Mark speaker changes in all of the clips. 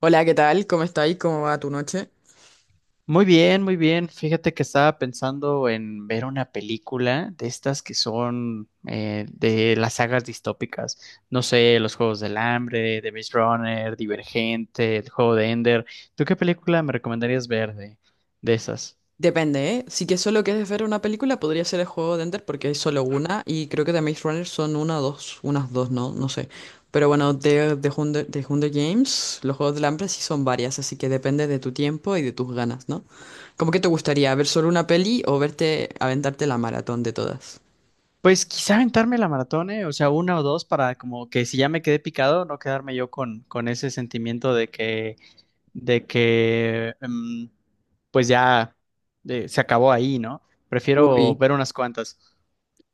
Speaker 1: Hola, ¿qué tal? ¿Cómo estáis? ¿Cómo va tu noche?
Speaker 2: Muy bien, muy bien. Fíjate que estaba pensando en ver una película de estas que son de las sagas distópicas. No sé, Los Juegos del Hambre, The Maze Runner, Divergente, El Juego de Ender. ¿Tú qué película me recomendarías ver de esas?
Speaker 1: Depende, ¿eh? Si que solo quieres ver una película, podría ser el juego de Ender porque hay solo una y creo que de Maze Runner son una o dos, unas dos, no sé. Pero bueno, Hunger, de Hunger Games, los juegos del hambre sí son varias, así que depende de tu tiempo y de tus ganas, ¿no? ¿Cómo que te gustaría ver solo una peli o verte aventarte la maratón de todas?
Speaker 2: Pues quizá aventarme la maratón, o sea, una o dos para como que si ya me quedé picado, no quedarme yo con ese sentimiento de que pues ya, se acabó ahí, ¿no? Prefiero
Speaker 1: Uy.
Speaker 2: ver unas cuantas.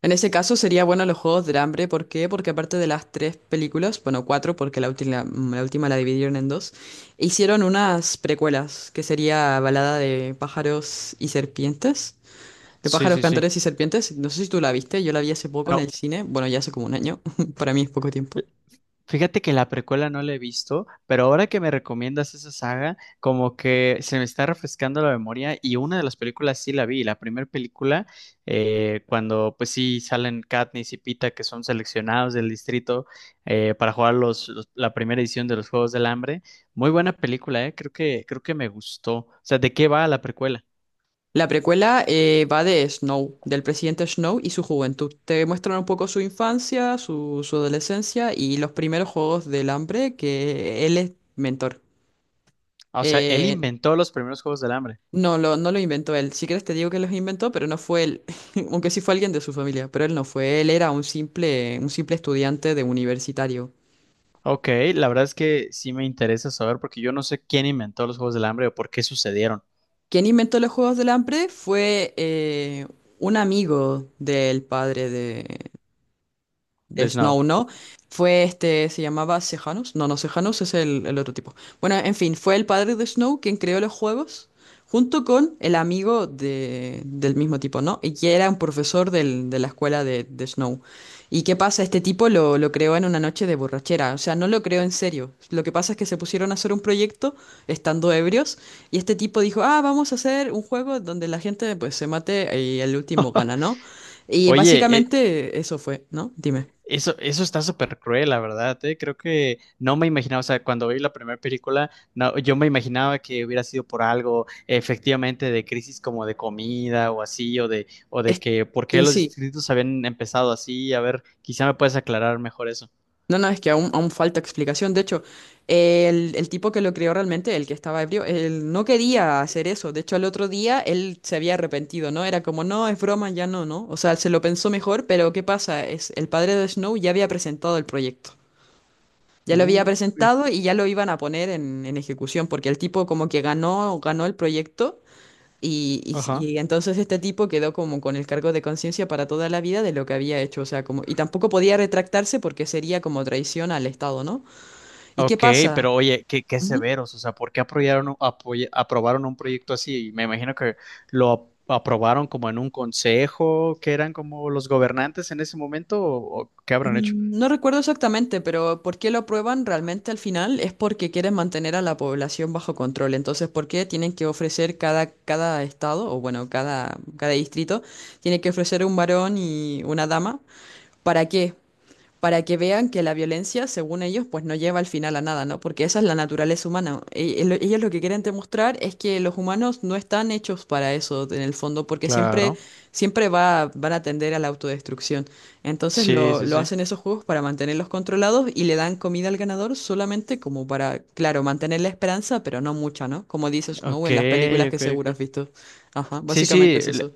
Speaker 1: En ese caso sería bueno los Juegos del Hambre. ¿Por qué? Porque aparte de las tres películas, bueno, cuatro, porque la última, la última la dividieron en dos, hicieron unas precuelas, que sería Balada de pájaros y serpientes, de
Speaker 2: Sí,
Speaker 1: pájaros,
Speaker 2: sí, sí.
Speaker 1: cantores y serpientes. No sé si tú la viste, yo la vi hace poco en
Speaker 2: No,
Speaker 1: el cine, bueno, ya hace como un año, para mí es poco tiempo.
Speaker 2: fíjate que la precuela no la he visto, pero ahora que me recomiendas esa saga, como que se me está refrescando la memoria y una de las películas sí la vi, la primera película, cuando pues sí salen Katniss y Pita que son seleccionados del distrito, para jugar la primera edición de los Juegos del Hambre. Muy buena película. Creo que me gustó. O sea, ¿de qué va la precuela?
Speaker 1: La precuela va de Snow, del presidente Snow y su juventud. Te muestran un poco su infancia, su adolescencia y los primeros Juegos del Hambre que él es mentor.
Speaker 2: Ah, o sea, él
Speaker 1: Eh,
Speaker 2: inventó los primeros Juegos del Hambre.
Speaker 1: No lo inventó él. Si quieres te digo que los inventó, pero no fue él. Aunque sí fue alguien de su familia, pero él no fue. Él era un simple estudiante de universitario.
Speaker 2: Ok, la verdad es que sí me interesa saber porque yo no sé quién inventó los Juegos del Hambre o por qué sucedieron.
Speaker 1: Quien inventó los juegos del hambre fue un amigo del padre de
Speaker 2: De Snow.
Speaker 1: Snow, ¿no? Fue este, se llamaba Sejanus. No, no, Sejanus es el otro tipo. Bueno, en fin, fue el padre de Snow quien creó los juegos junto con el amigo del mismo tipo, ¿no? Y que era un profesor de la escuela de Snow. ¿Y qué pasa? Este tipo lo creó en una noche de borrachera, o sea, no lo creó en serio. Lo que pasa es que se pusieron a hacer un proyecto estando ebrios y este tipo dijo, ah, vamos a hacer un juego donde la gente pues se mate y el último gana, ¿no? Y
Speaker 2: Oye,
Speaker 1: básicamente eso fue, ¿no? Dime.
Speaker 2: eso, eso está súper cruel, la verdad, Creo que no me imaginaba, o sea, cuando vi la primera película, no, yo me imaginaba que hubiera sido por algo, efectivamente, de crisis como de comida o así, o de
Speaker 1: Es
Speaker 2: que por qué
Speaker 1: que
Speaker 2: los
Speaker 1: sí.
Speaker 2: distritos habían empezado así. A ver, quizá me puedes aclarar mejor eso.
Speaker 1: No, no, es que aún falta explicación. De hecho, el tipo que lo creó realmente, el que estaba ebrio, él no quería hacer eso. De hecho, al otro día él se había arrepentido, ¿no? Era como, no, es broma, ya no, ¿no? O sea, se lo pensó mejor, pero ¿qué pasa? Es, el padre de Snow ya había presentado el proyecto. Ya lo había
Speaker 2: Uy.
Speaker 1: presentado y ya lo iban a poner en ejecución, porque el tipo como que ganó, ganó el proyecto. Y,
Speaker 2: Ajá.
Speaker 1: y entonces este tipo quedó como con el cargo de conciencia para toda la vida de lo que había hecho, o sea, como, y tampoco podía retractarse porque sería como traición al Estado, ¿no? ¿Y qué
Speaker 2: Ok,
Speaker 1: pasa?
Speaker 2: pero oye, qué, qué
Speaker 1: Ujú.
Speaker 2: severos. O sea, ¿por qué aprobaron, aprobaron un proyecto así? Me imagino que aprobaron como en un consejo, que eran como los gobernantes en ese momento, o qué habrán hecho.
Speaker 1: No recuerdo exactamente, pero ¿por qué lo aprueban realmente al final? Es porque quieren mantener a la población bajo control. Entonces, ¿por qué tienen que ofrecer cada estado, o bueno, cada distrito, tiene que ofrecer un varón y una dama? ¿Para qué? Para que vean que la violencia, según ellos, pues no lleva al final a nada, ¿no? Porque esa es la naturaleza humana. Ellos lo que quieren demostrar es que los humanos no están hechos para eso, en el fondo, porque siempre,
Speaker 2: Claro,
Speaker 1: siempre van a tender a la autodestrucción. Entonces
Speaker 2: sí, sí,
Speaker 1: lo
Speaker 2: sí.
Speaker 1: hacen esos juegos para mantenerlos controlados y le dan comida al ganador solamente como para, claro, mantener la esperanza, pero no mucha, ¿no? Como dices, Snow
Speaker 2: Ok,
Speaker 1: en las películas que
Speaker 2: ok,
Speaker 1: seguro has
Speaker 2: ok.
Speaker 1: visto. Ajá,
Speaker 2: Sí,
Speaker 1: básicamente
Speaker 2: sí,
Speaker 1: es
Speaker 2: le-
Speaker 1: eso.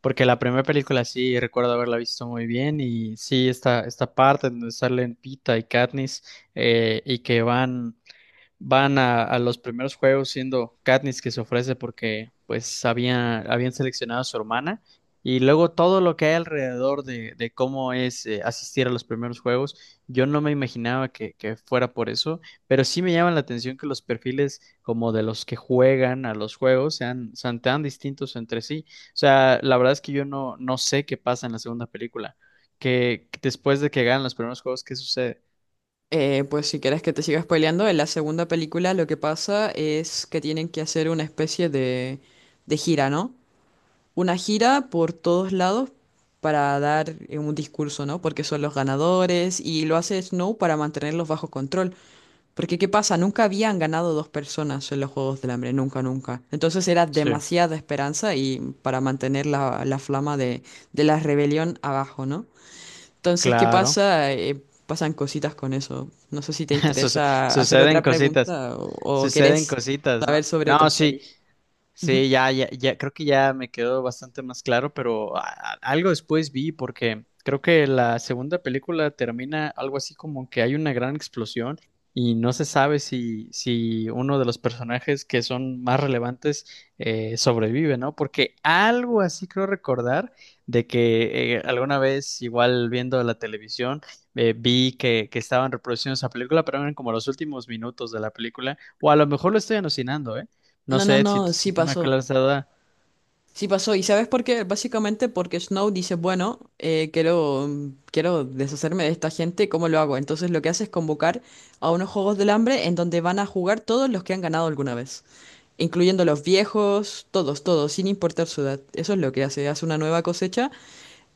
Speaker 2: porque la primera película sí recuerdo haberla visto muy bien y sí, esta parte donde salen Pita y Katniss, y que van... van a los primeros juegos siendo Katniss que se ofrece porque pues habían seleccionado a su hermana y luego todo lo que hay alrededor de cómo es, asistir a los primeros juegos. Yo no me imaginaba que fuera por eso, pero sí me llama la atención que los perfiles como de los que juegan a los juegos sean, sean tan distintos entre sí. O sea, la verdad es que yo no, no sé qué pasa en la segunda película, que después de que ganan los primeros juegos, ¿qué sucede?
Speaker 1: Pues si quieres que te siga spoileando, en la segunda película lo que pasa es que tienen que hacer una especie de gira, ¿no? Una gira por todos lados para dar un discurso, ¿no? Porque son los ganadores y lo hace Snow para mantenerlos bajo control. Porque ¿qué pasa? Nunca habían ganado dos personas en los Juegos del Hambre, nunca, nunca. Entonces era
Speaker 2: Sí.
Speaker 1: demasiada esperanza y para mantener la flama de la rebelión abajo, ¿no? Entonces, ¿qué
Speaker 2: Claro.
Speaker 1: pasa? Pasan cositas con eso. No sé si te
Speaker 2: Suce-
Speaker 1: interesa hacer
Speaker 2: Suceden
Speaker 1: otra
Speaker 2: cositas,
Speaker 1: pregunta o
Speaker 2: suceden
Speaker 1: querés
Speaker 2: cositas,
Speaker 1: saber
Speaker 2: ¿no?
Speaker 1: sobre otras
Speaker 2: No, sí,
Speaker 1: pelis. Ujú.
Speaker 2: sí, ya, ya, ya, creo que ya me quedó bastante más claro, pero algo después vi porque creo que la segunda película termina algo así como que hay una gran explosión y no se sabe si, si uno de los personajes que son más relevantes, sobrevive, ¿no? Porque algo así creo recordar de que, alguna vez, igual viendo la televisión, vi que estaban reproduciendo esa película, pero eran como los últimos minutos de la película, o a lo mejor lo estoy alucinando, ¿eh? No
Speaker 1: No, no,
Speaker 2: sé si,
Speaker 1: no,
Speaker 2: si
Speaker 1: sí
Speaker 2: te me
Speaker 1: pasó.
Speaker 2: acuerdas de Dada.
Speaker 1: Sí pasó. ¿Y sabes por qué? Básicamente porque Snow dice, bueno, quiero, quiero deshacerme de esta gente, ¿cómo lo hago? Entonces lo que hace es convocar a unos Juegos del Hambre en donde van a jugar todos los que han ganado alguna vez, incluyendo los viejos, todos, todos, sin importar su edad. Eso es lo que hace, hace una nueva cosecha.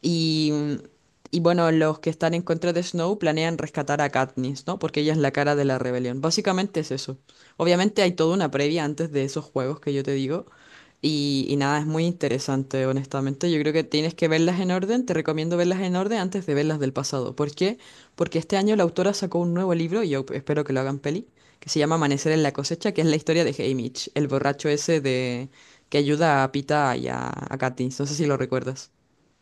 Speaker 1: Y, y bueno, los que están en contra de Snow planean rescatar a Katniss, ¿no? Porque ella es la cara de la rebelión. Básicamente es eso. Obviamente hay toda una previa antes de esos juegos que yo te digo. Y nada, es muy interesante, honestamente. Yo creo que tienes que verlas en orden. Te recomiendo verlas en orden antes de verlas del pasado. ¿Por qué? Porque este año la autora sacó un nuevo libro, y yo espero que lo hagan peli, que se llama Amanecer en la cosecha, que es la historia de Haymitch, el borracho ese de que ayuda a Pita y a Katniss. No sé si lo recuerdas.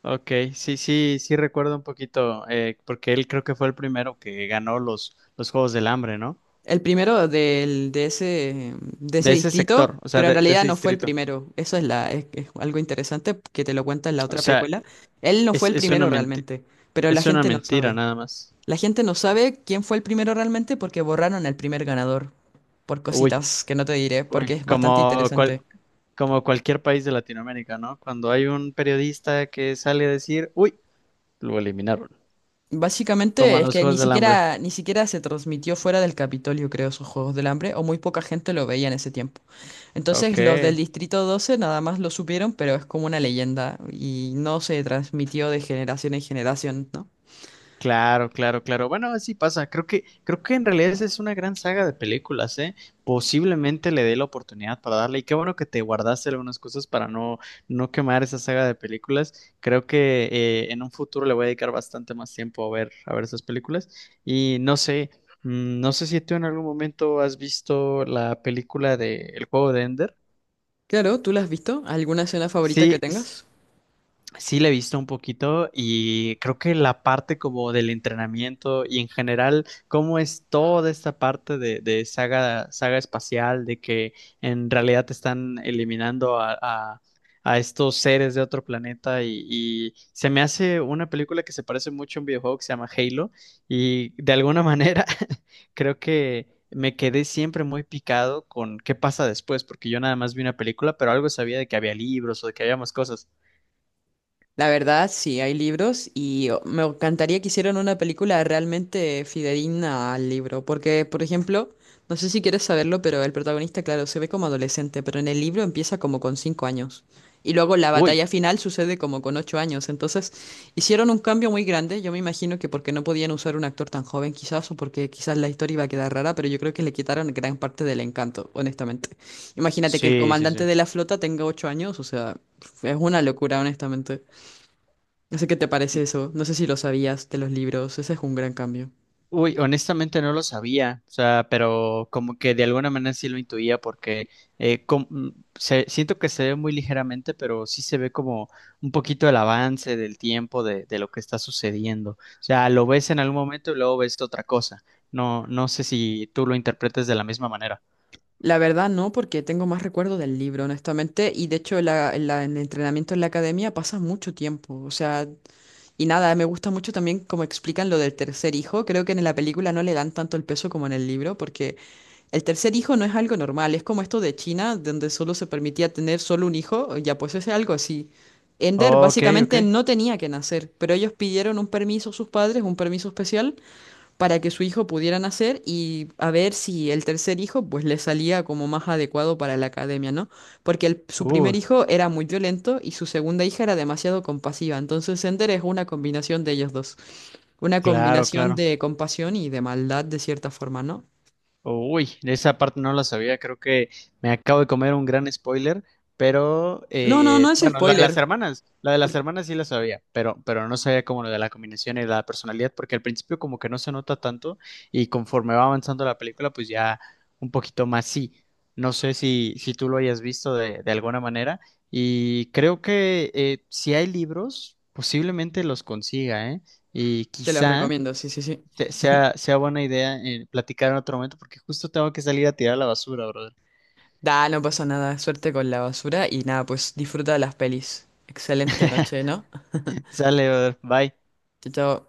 Speaker 2: Ok, sí, sí, sí recuerdo un poquito, porque él creo que fue el primero que ganó los Juegos del Hambre, ¿no?
Speaker 1: El primero de ese
Speaker 2: De ese
Speaker 1: distrito,
Speaker 2: sector, o sea,
Speaker 1: pero en
Speaker 2: de
Speaker 1: realidad
Speaker 2: ese
Speaker 1: no fue el
Speaker 2: distrito.
Speaker 1: primero. Eso es, la, es algo interesante que te lo cuenta en la
Speaker 2: O
Speaker 1: otra
Speaker 2: sea,
Speaker 1: precuela. Él no fue
Speaker 2: es,
Speaker 1: el
Speaker 2: es una
Speaker 1: primero
Speaker 2: menti-
Speaker 1: realmente, pero la
Speaker 2: es una
Speaker 1: gente no
Speaker 2: mentira
Speaker 1: sabe.
Speaker 2: nada más.
Speaker 1: La gente no sabe quién fue el primero realmente porque borraron el primer ganador, por
Speaker 2: Uy,
Speaker 1: cositas que no te diré, porque
Speaker 2: uy,
Speaker 1: es bastante interesante.
Speaker 2: como cualquier país de Latinoamérica, ¿no? Cuando hay un periodista que sale a decir, uy, lo eliminaron, como
Speaker 1: Básicamente
Speaker 2: a
Speaker 1: es
Speaker 2: los
Speaker 1: que ni
Speaker 2: Juegos del Hambre.
Speaker 1: siquiera, ni siquiera se transmitió fuera del Capitolio, creo, esos Juegos del Hambre, o muy poca gente lo veía en ese tiempo.
Speaker 2: Ok.
Speaker 1: Entonces los del Distrito 12 nada más lo supieron, pero es como una leyenda y no se transmitió de generación en generación, ¿no?
Speaker 2: Claro, claro, claro. Bueno, así pasa. Creo que en realidad esa es una gran saga de películas, ¿eh? Posiblemente le dé la oportunidad para darle. Y qué bueno que te guardaste algunas cosas para no, no quemar esa saga de películas. Creo que, en un futuro le voy a dedicar bastante más tiempo a ver esas películas. Y no sé, no sé si tú en algún momento has visto la película de El Juego de Ender.
Speaker 1: Claro, ¿tú la has visto? ¿Alguna escena favorita que
Speaker 2: Sí,
Speaker 1: tengas?
Speaker 2: sí, le he visto un poquito y creo que la parte como del entrenamiento y en general, cómo es toda esta parte de saga, saga espacial, de que en realidad te están eliminando a estos seres de otro planeta y se me hace una película que se parece mucho a un videojuego que se llama Halo y de alguna manera creo que me quedé siempre muy picado con qué pasa después, porque yo nada más vi una película, pero algo sabía de que había libros o de que había más cosas.
Speaker 1: La verdad, sí, hay libros y oh, me encantaría que hicieran una película realmente fidedigna al libro, porque, por ejemplo, no sé si quieres saberlo, pero el protagonista, claro, se ve como adolescente, pero en el libro empieza como con 5 años. Y luego la
Speaker 2: Uy.
Speaker 1: batalla final sucede como con 8 años. Entonces, hicieron un cambio muy grande. Yo me imagino que porque no podían usar un actor tan joven, quizás, o porque quizás la historia iba a quedar rara, pero yo creo que le quitaron gran parte del encanto, honestamente. Imagínate que el
Speaker 2: Sí, sí,
Speaker 1: comandante
Speaker 2: sí.
Speaker 1: de la flota tenga 8 años, o sea, es una locura, honestamente. No sé qué te parece eso, no sé si lo sabías de los libros, ese es un gran cambio.
Speaker 2: Uy, honestamente no lo sabía, o sea, pero como que de alguna manera sí lo intuía porque siento que se ve muy ligeramente, pero sí se ve como un poquito el avance del tiempo de lo que está sucediendo. O sea, lo ves en algún momento y luego ves otra cosa. No, no sé si tú lo interpretes de la misma manera.
Speaker 1: La verdad no, porque tengo más recuerdo del libro, honestamente, y de hecho la, en el entrenamiento en la academia pasa mucho tiempo, o sea, y nada, me gusta mucho también como explican lo del tercer hijo, creo que en la película no le dan tanto el peso como en el libro, porque el tercer hijo no es algo normal, es como esto de China, donde solo se permitía tener solo un hijo, ya pues es algo así. Ender
Speaker 2: Ok, ok.
Speaker 1: básicamente no tenía que nacer, pero ellos pidieron un permiso a sus padres, un permiso especial, para que su hijo pudiera nacer y a ver si el tercer hijo pues le salía como más adecuado para la academia, ¿no? Porque su primer
Speaker 2: Uh,
Speaker 1: hijo era muy violento y su segunda hija era demasiado compasiva, entonces Sender es una combinación de ellos dos, una
Speaker 2: claro,
Speaker 1: combinación
Speaker 2: claro.
Speaker 1: de compasión y de maldad de cierta forma, ¿no?
Speaker 2: Uy, de esa parte no la sabía, creo que me acabo de comer un gran spoiler, pero
Speaker 1: No, no, no es
Speaker 2: bueno, la de
Speaker 1: spoiler,
Speaker 2: las hermanas, la de las
Speaker 1: por-
Speaker 2: hermanas sí la sabía, pero no sabía como lo de la combinación y la personalidad, porque al principio como que no se nota tanto y conforme va avanzando la película, pues ya un poquito más sí. No sé si, si tú lo hayas visto de alguna manera y creo que, si hay libros, posiblemente los consiga, ¿eh? Y
Speaker 1: te lo
Speaker 2: quizá
Speaker 1: recomiendo, sí, sí, sí.
Speaker 2: sea buena idea, platicar en otro momento porque justo tengo que salir a tirar la basura, brother.
Speaker 1: Da, no pasa nada, suerte con la basura y nada, pues disfruta de las pelis. Excelente noche, ¿no?
Speaker 2: Sale, brother. Bye.
Speaker 1: Chao, chao.